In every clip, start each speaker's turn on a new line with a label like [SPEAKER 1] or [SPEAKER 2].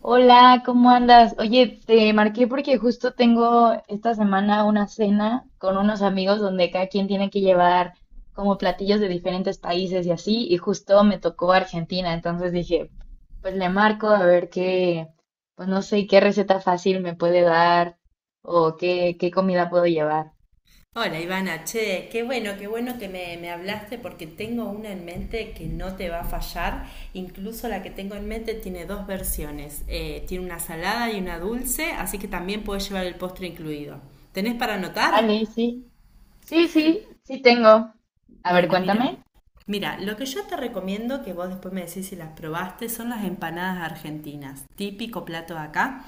[SPEAKER 1] Hola, ¿cómo andas? Oye, te marqué porque justo tengo esta semana una cena con unos amigos donde cada quien tiene que llevar como platillos de diferentes países y así, y justo me tocó Argentina, entonces dije, pues le marco a ver qué, pues no sé qué receta fácil me puede dar o qué, comida puedo llevar.
[SPEAKER 2] Hola Ivana, che, qué bueno que me hablaste porque tengo una en mente que no te va a fallar. Incluso la que tengo en mente tiene dos versiones. Tiene una salada y una dulce, así que también puedes llevar el postre incluido. ¿Tenés para anotar?
[SPEAKER 1] Vale, sí, sí tengo. A ver,
[SPEAKER 2] Bueno, mira.
[SPEAKER 1] cuéntame.
[SPEAKER 2] Mira, lo que yo te recomiendo, que vos después me decís si las probaste, son las empanadas argentinas, típico plato de acá.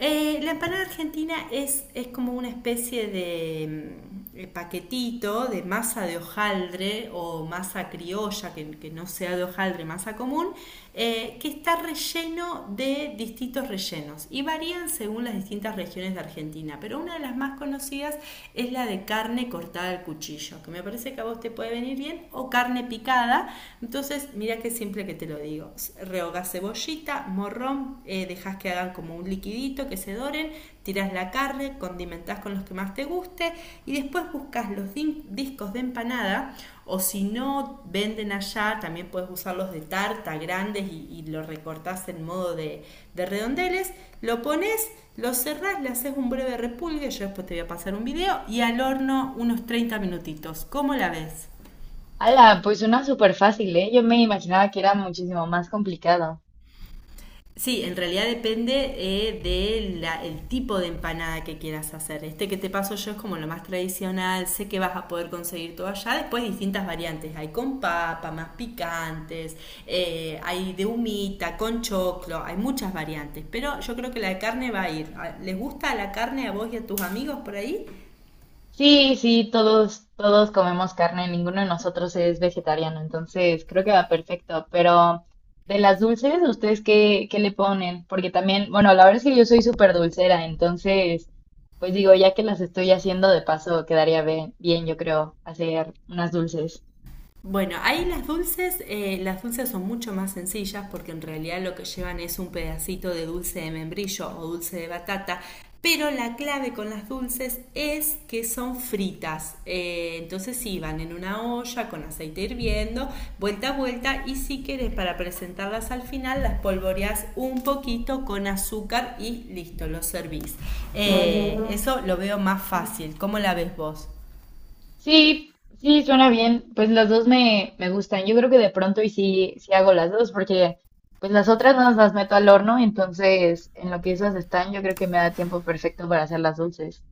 [SPEAKER 2] La empanada argentina es como una especie de paquetito de masa de hojaldre o masa criolla, que no sea de hojaldre, masa común, que está relleno de distintos rellenos y varían según las distintas regiones de Argentina, pero una de las más conocidas es la de carne cortada al cuchillo, que me parece que a vos te puede venir bien, o carne picada, entonces mira que siempre que te lo digo digo, rehogás cebollita, morrón, dejas que hagan como un liquidito, que se doren, tiras la carne, condimentás con los que más te guste y después buscas los discos de empanada o si no venden allá, también puedes usar los de tarta grandes y lo recortás en modo de redondeles, lo pones, lo cerrás, le haces un breve repulgue, yo después te voy a pasar un video y al horno unos 30 minutitos. ¿Cómo la ves?
[SPEAKER 1] Ala, pues una súper fácil, ¿eh? Yo me imaginaba que era muchísimo más complicado.
[SPEAKER 2] Sí, en realidad depende del el tipo de empanada que quieras hacer. Este que te paso yo es como lo más tradicional, sé que vas a poder conseguir todo allá. Después distintas variantes, hay con papa, más picantes, hay de humita, con choclo, hay muchas variantes. Pero yo creo que la de carne va a ir. Ah, ¿les gusta la carne a vos y a tus amigos por ahí?
[SPEAKER 1] Sí, sí, todos, comemos carne, ninguno de nosotros es vegetariano, entonces creo que va perfecto. Pero de las dulces, ¿ustedes qué, le ponen? Porque también, bueno, la verdad es que yo soy súper dulcera, entonces, pues digo, ya que las estoy haciendo de paso, quedaría bien, yo creo, hacer unas dulces.
[SPEAKER 2] Bueno, ahí las dulces son mucho más sencillas porque en realidad lo que llevan es un pedacito de dulce de membrillo o dulce de batata, pero la clave con las dulces es que son fritas. Entonces sí, van en una olla con aceite hirviendo, vuelta a vuelta y si querés para presentarlas al final las polvoreás un poquito con azúcar y listo, lo servís. Eso lo veo más fácil. ¿Cómo la ves vos?
[SPEAKER 1] Sí, sí, suena bien. Pues las dos me, gustan. Yo creo que de pronto y sí, sí hago las dos, porque pues las otras no las meto al horno, entonces en lo que esas están, yo creo que me da tiempo perfecto para hacer las dulces.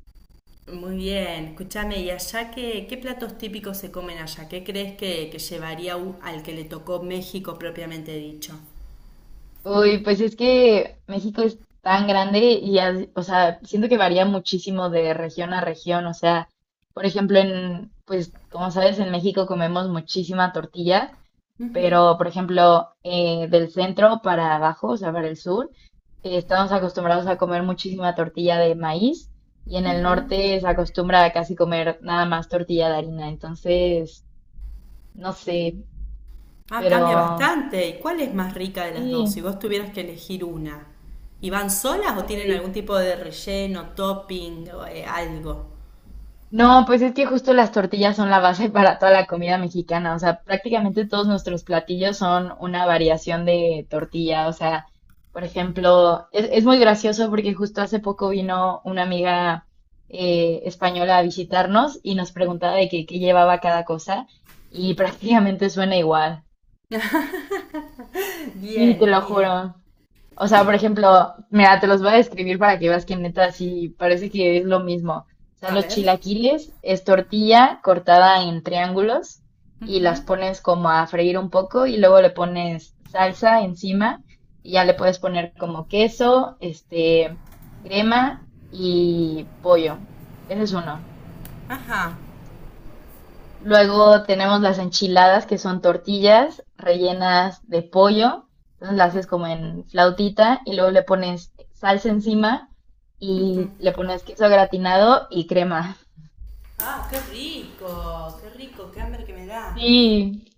[SPEAKER 2] Muy bien, escúchame, ¿y allá qué, qué platos típicos se comen allá? ¿Qué crees que llevaría u- al que le tocó México propiamente dicho?
[SPEAKER 1] Uy, pues es que México es tan grande y, o sea, siento que varía muchísimo de región a región. O sea, por ejemplo, pues como sabes, en México comemos muchísima tortilla. Pero, por ejemplo, del centro para abajo, o sea, para el sur, estamos acostumbrados a comer muchísima tortilla de maíz y en el
[SPEAKER 2] ¿Mm?
[SPEAKER 1] norte se acostumbra a casi comer nada más tortilla de harina. Entonces, no sé,
[SPEAKER 2] Ah, cambia
[SPEAKER 1] pero
[SPEAKER 2] bastante. ¿Y cuál es más rica de las dos? Si
[SPEAKER 1] sí.
[SPEAKER 2] vos tuvieras que elegir una. ¿Y van solas o tienen algún tipo de relleno, topping o algo?
[SPEAKER 1] No, pues es que justo las tortillas son la base para toda la comida mexicana, o sea, prácticamente todos nuestros platillos son una variación de tortilla, o sea, por ejemplo, es, muy gracioso porque justo hace poco vino una amiga española a visitarnos y nos preguntaba de qué llevaba cada cosa y prácticamente suena igual, sí, te
[SPEAKER 2] Bien,
[SPEAKER 1] lo
[SPEAKER 2] bien.
[SPEAKER 1] juro. O sea, por ejemplo, mira, te los voy a describir para que veas que neta sí parece que es lo mismo. O sea,
[SPEAKER 2] A
[SPEAKER 1] los
[SPEAKER 2] ver.
[SPEAKER 1] chilaquiles es tortilla cortada en triángulos y las pones como a freír un poco y luego le pones salsa encima y ya le puedes poner como queso, este, crema y pollo. Ese es uno.
[SPEAKER 2] Ajá.
[SPEAKER 1] Luego tenemos las enchiladas, que son tortillas rellenas de pollo. Entonces las haces como en flautita y luego le pones salsa encima
[SPEAKER 2] Mm.
[SPEAKER 1] y le pones queso gratinado y crema.
[SPEAKER 2] Ah, qué rico, qué rico, qué hambre que me da.
[SPEAKER 1] Sí,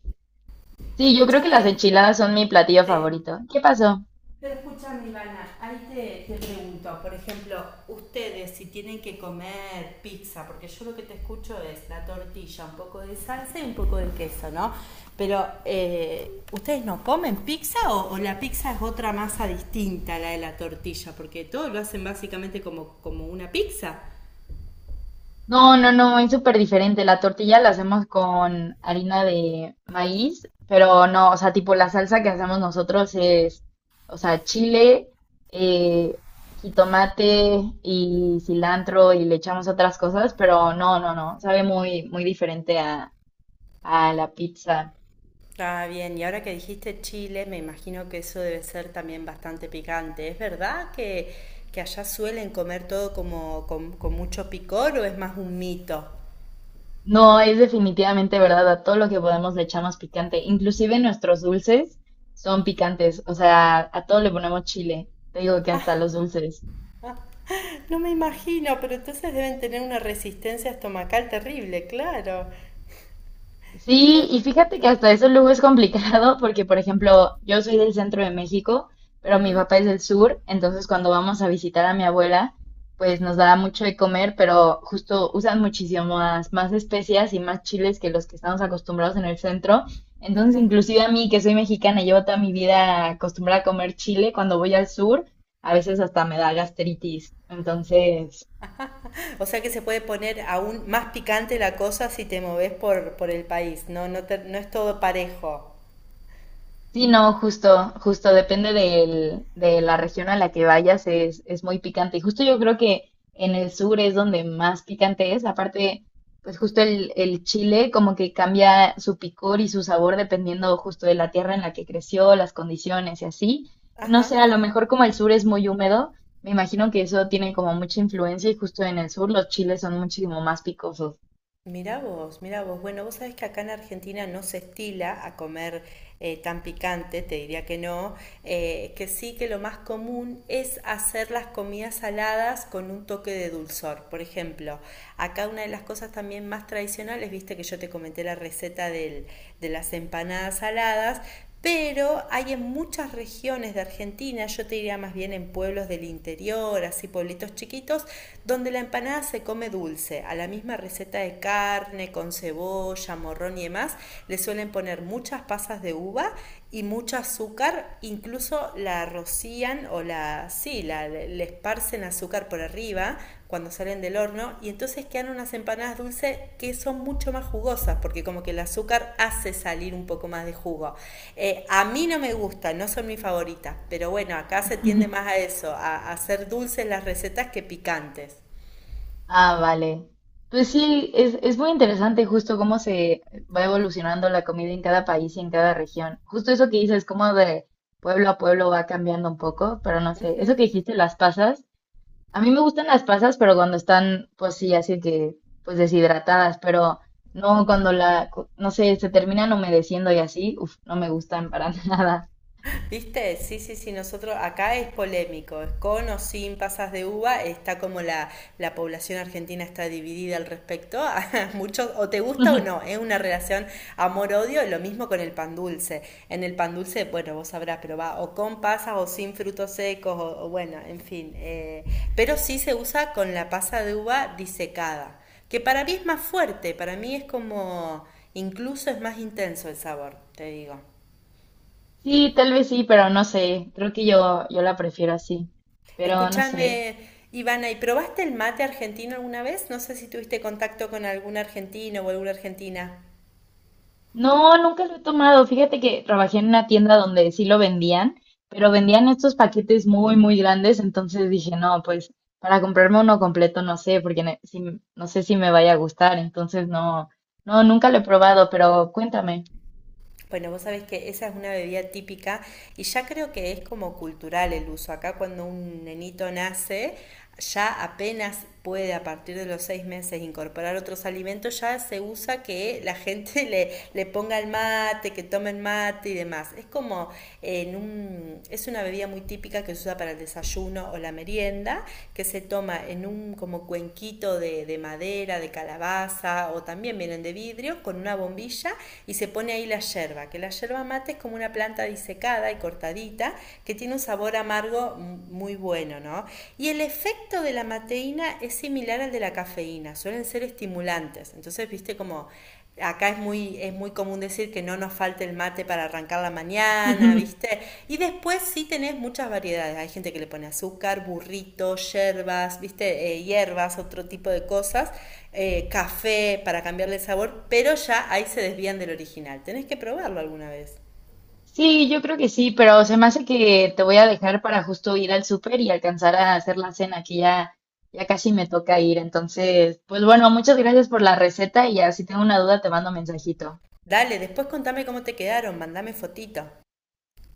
[SPEAKER 1] sí, yo creo que las
[SPEAKER 2] Escúchame,
[SPEAKER 1] enchiladas son mi platillo
[SPEAKER 2] sí,
[SPEAKER 1] favorito. ¿Qué pasó?
[SPEAKER 2] pero escúchame, Ivana, ahí te pregunto, por ejemplo, ustedes si tienen que comer pizza, porque yo lo que te escucho es la tortilla, un poco de salsa y un poco de queso, ¿no? Pero, ¿ustedes no comen pizza o la pizza es otra masa distinta a la de la tortilla? Porque todo lo hacen básicamente como, como una pizza.
[SPEAKER 1] No, no, no, es súper diferente. La tortilla la hacemos con harina de maíz, pero no, o sea, tipo la salsa que hacemos nosotros es, o sea, chile, eh, jitomate y cilantro y le echamos otras cosas, pero no, no, no, sabe muy, diferente a, la pizza.
[SPEAKER 2] Ah, bien, y ahora que dijiste Chile, me imagino que eso debe ser también bastante picante. ¿Es verdad que allá suelen comer todo como con mucho picor o es más un mito?
[SPEAKER 1] No, es definitivamente verdad, a todo lo que podemos le echamos picante. Inclusive nuestros dulces son picantes, o sea, a todo le ponemos chile. Te digo que hasta los dulces.
[SPEAKER 2] Ah, no me imagino, pero entonces deben tener una resistencia estomacal terrible, claro. Qué
[SPEAKER 1] Sí, y fíjate que
[SPEAKER 2] rico.
[SPEAKER 1] hasta eso luego es complicado porque, por ejemplo, yo soy del centro de México, pero mi
[SPEAKER 2] Ujú.
[SPEAKER 1] papá es del sur, entonces cuando vamos a visitar a mi abuela, pues nos da mucho de comer, pero justo usan muchísimas más especias y más chiles que los que estamos acostumbrados en el centro. Entonces, inclusive a mí, que soy mexicana y llevo toda mi vida acostumbrada a comer chile, cuando voy al sur, a veces hasta me da gastritis. Entonces...
[SPEAKER 2] O sea que se puede poner aún más picante la cosa si te moves por el país, ¿no? No te- no es todo parejo.
[SPEAKER 1] Sí, no, justo, depende de la región a la que vayas, es, muy picante. Y justo yo creo que en el sur es donde más picante es. Aparte, pues justo el, chile como que cambia su picor y su sabor dependiendo justo de la tierra en la que creció, las condiciones y así. Y no
[SPEAKER 2] Ajá.
[SPEAKER 1] sé, a lo mejor como el sur es muy húmedo, me imagino que eso tiene como mucha influencia y justo en el sur los chiles son muchísimo más picosos.
[SPEAKER 2] Mirá vos, mirá vos. Bueno, vos sabés que acá en Argentina no se estila a comer tan picante, te diría que no, que sí que lo más común es hacer las comidas saladas con un toque de dulzor. Por ejemplo, acá una de las cosas también más tradicionales, viste que yo te comenté la receta del- de las empanadas saladas, pero hay en muchas regiones de Argentina, yo te diría más bien en pueblos del interior, así pueblitos chiquitos, donde la empanada se come dulce, a la misma receta de carne, con cebolla, morrón y demás, le suelen poner muchas pasas de uva y mucho azúcar, incluso la rocían sí, le esparcen azúcar por arriba cuando salen del horno y entonces quedan unas empanadas dulces que son mucho más jugosas porque como que el azúcar hace salir un poco más de jugo. A mí no me gustan, no son mis favoritas, pero bueno, acá se tiende más a eso, a hacer dulces las recetas que picantes.
[SPEAKER 1] Ah, vale. Pues sí, es, muy interesante justo cómo se va evolucionando la comida en cada país y en cada región. Justo eso que dices, cómo de pueblo a pueblo va cambiando un poco, pero no sé, eso que dijiste, las pasas, a mí me gustan las pasas, pero cuando están, pues sí, así que, pues deshidratadas, pero no cuando no sé, se terminan humedeciendo y así, uf, no me gustan para nada.
[SPEAKER 2] ¿Viste? Sí, sí, sí, nosotros acá es polémico, es con o sin pasas de uva, está como la población argentina está dividida al respecto, muchos o te gusta o no, es una relación amor-odio, lo mismo con el pan dulce. En el pan dulce, bueno, vos sabrás, pero va o con pasas o sin frutos secos, o bueno, en fin, pero sí se usa con la pasa de uva disecada, que para mí es más fuerte, para mí es como, incluso es más intenso el sabor, te digo.
[SPEAKER 1] Sí, tal vez sí, pero no sé, creo que yo, la prefiero así, pero no sé.
[SPEAKER 2] Escúchame, Ivana, ¿y probaste el mate argentino alguna vez? No sé si tuviste contacto con algún argentino o alguna argentina.
[SPEAKER 1] No, nunca lo he tomado. Fíjate que trabajé en una tienda donde sí lo vendían, pero vendían estos paquetes muy, grandes. Entonces dije, no, pues para comprarme uno completo no sé, porque no sé si me vaya a gustar. Entonces no, no, nunca lo he probado, pero cuéntame.
[SPEAKER 2] Bueno, vos sabés que esa es una bebida típica y ya creo que es como cultural el uso. Acá cuando un nenito nace, ya apenas puede a partir de los 6 meses incorporar otros alimentos, ya se usa que la gente le ponga el mate, que tomen mate y demás. Es como en un, es una bebida muy típica que se usa para el desarrollo desayuno o la merienda, que se toma en un como cuenquito de madera, de calabaza o también vienen de vidrio, con una bombilla y se pone ahí la yerba, que la yerba mate es como una planta disecada y cortadita que tiene un sabor amargo muy bueno, ¿no? Y el efecto de la mateína es similar al de la cafeína, suelen ser estimulados estimulantes. Entonces, viste como acá es muy común decir que no nos falte el mate para arrancar la mañana,
[SPEAKER 1] Ujú.
[SPEAKER 2] ¿viste? Y después sí tenés muchas variedades. Hay gente que le pone azúcar, burritos, yerbas, ¿viste? Hierbas, otro tipo de cosas, café para cambiarle el sabor, pero ya ahí se desvían del original. Tenés que probarlo alguna vez.
[SPEAKER 1] Sí, yo creo que sí, pero se me hace que te voy a dejar para justo ir al súper y alcanzar a hacer la cena, que ya, ya casi me toca ir. Entonces, pues bueno, muchas gracias por la receta y ya si tengo una duda te mando mensajito.
[SPEAKER 2] Dale, después contame cómo te quedaron, mandame fotito.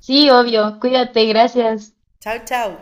[SPEAKER 1] Sí, obvio. Cuídate, gracias.
[SPEAKER 2] Chau, chau.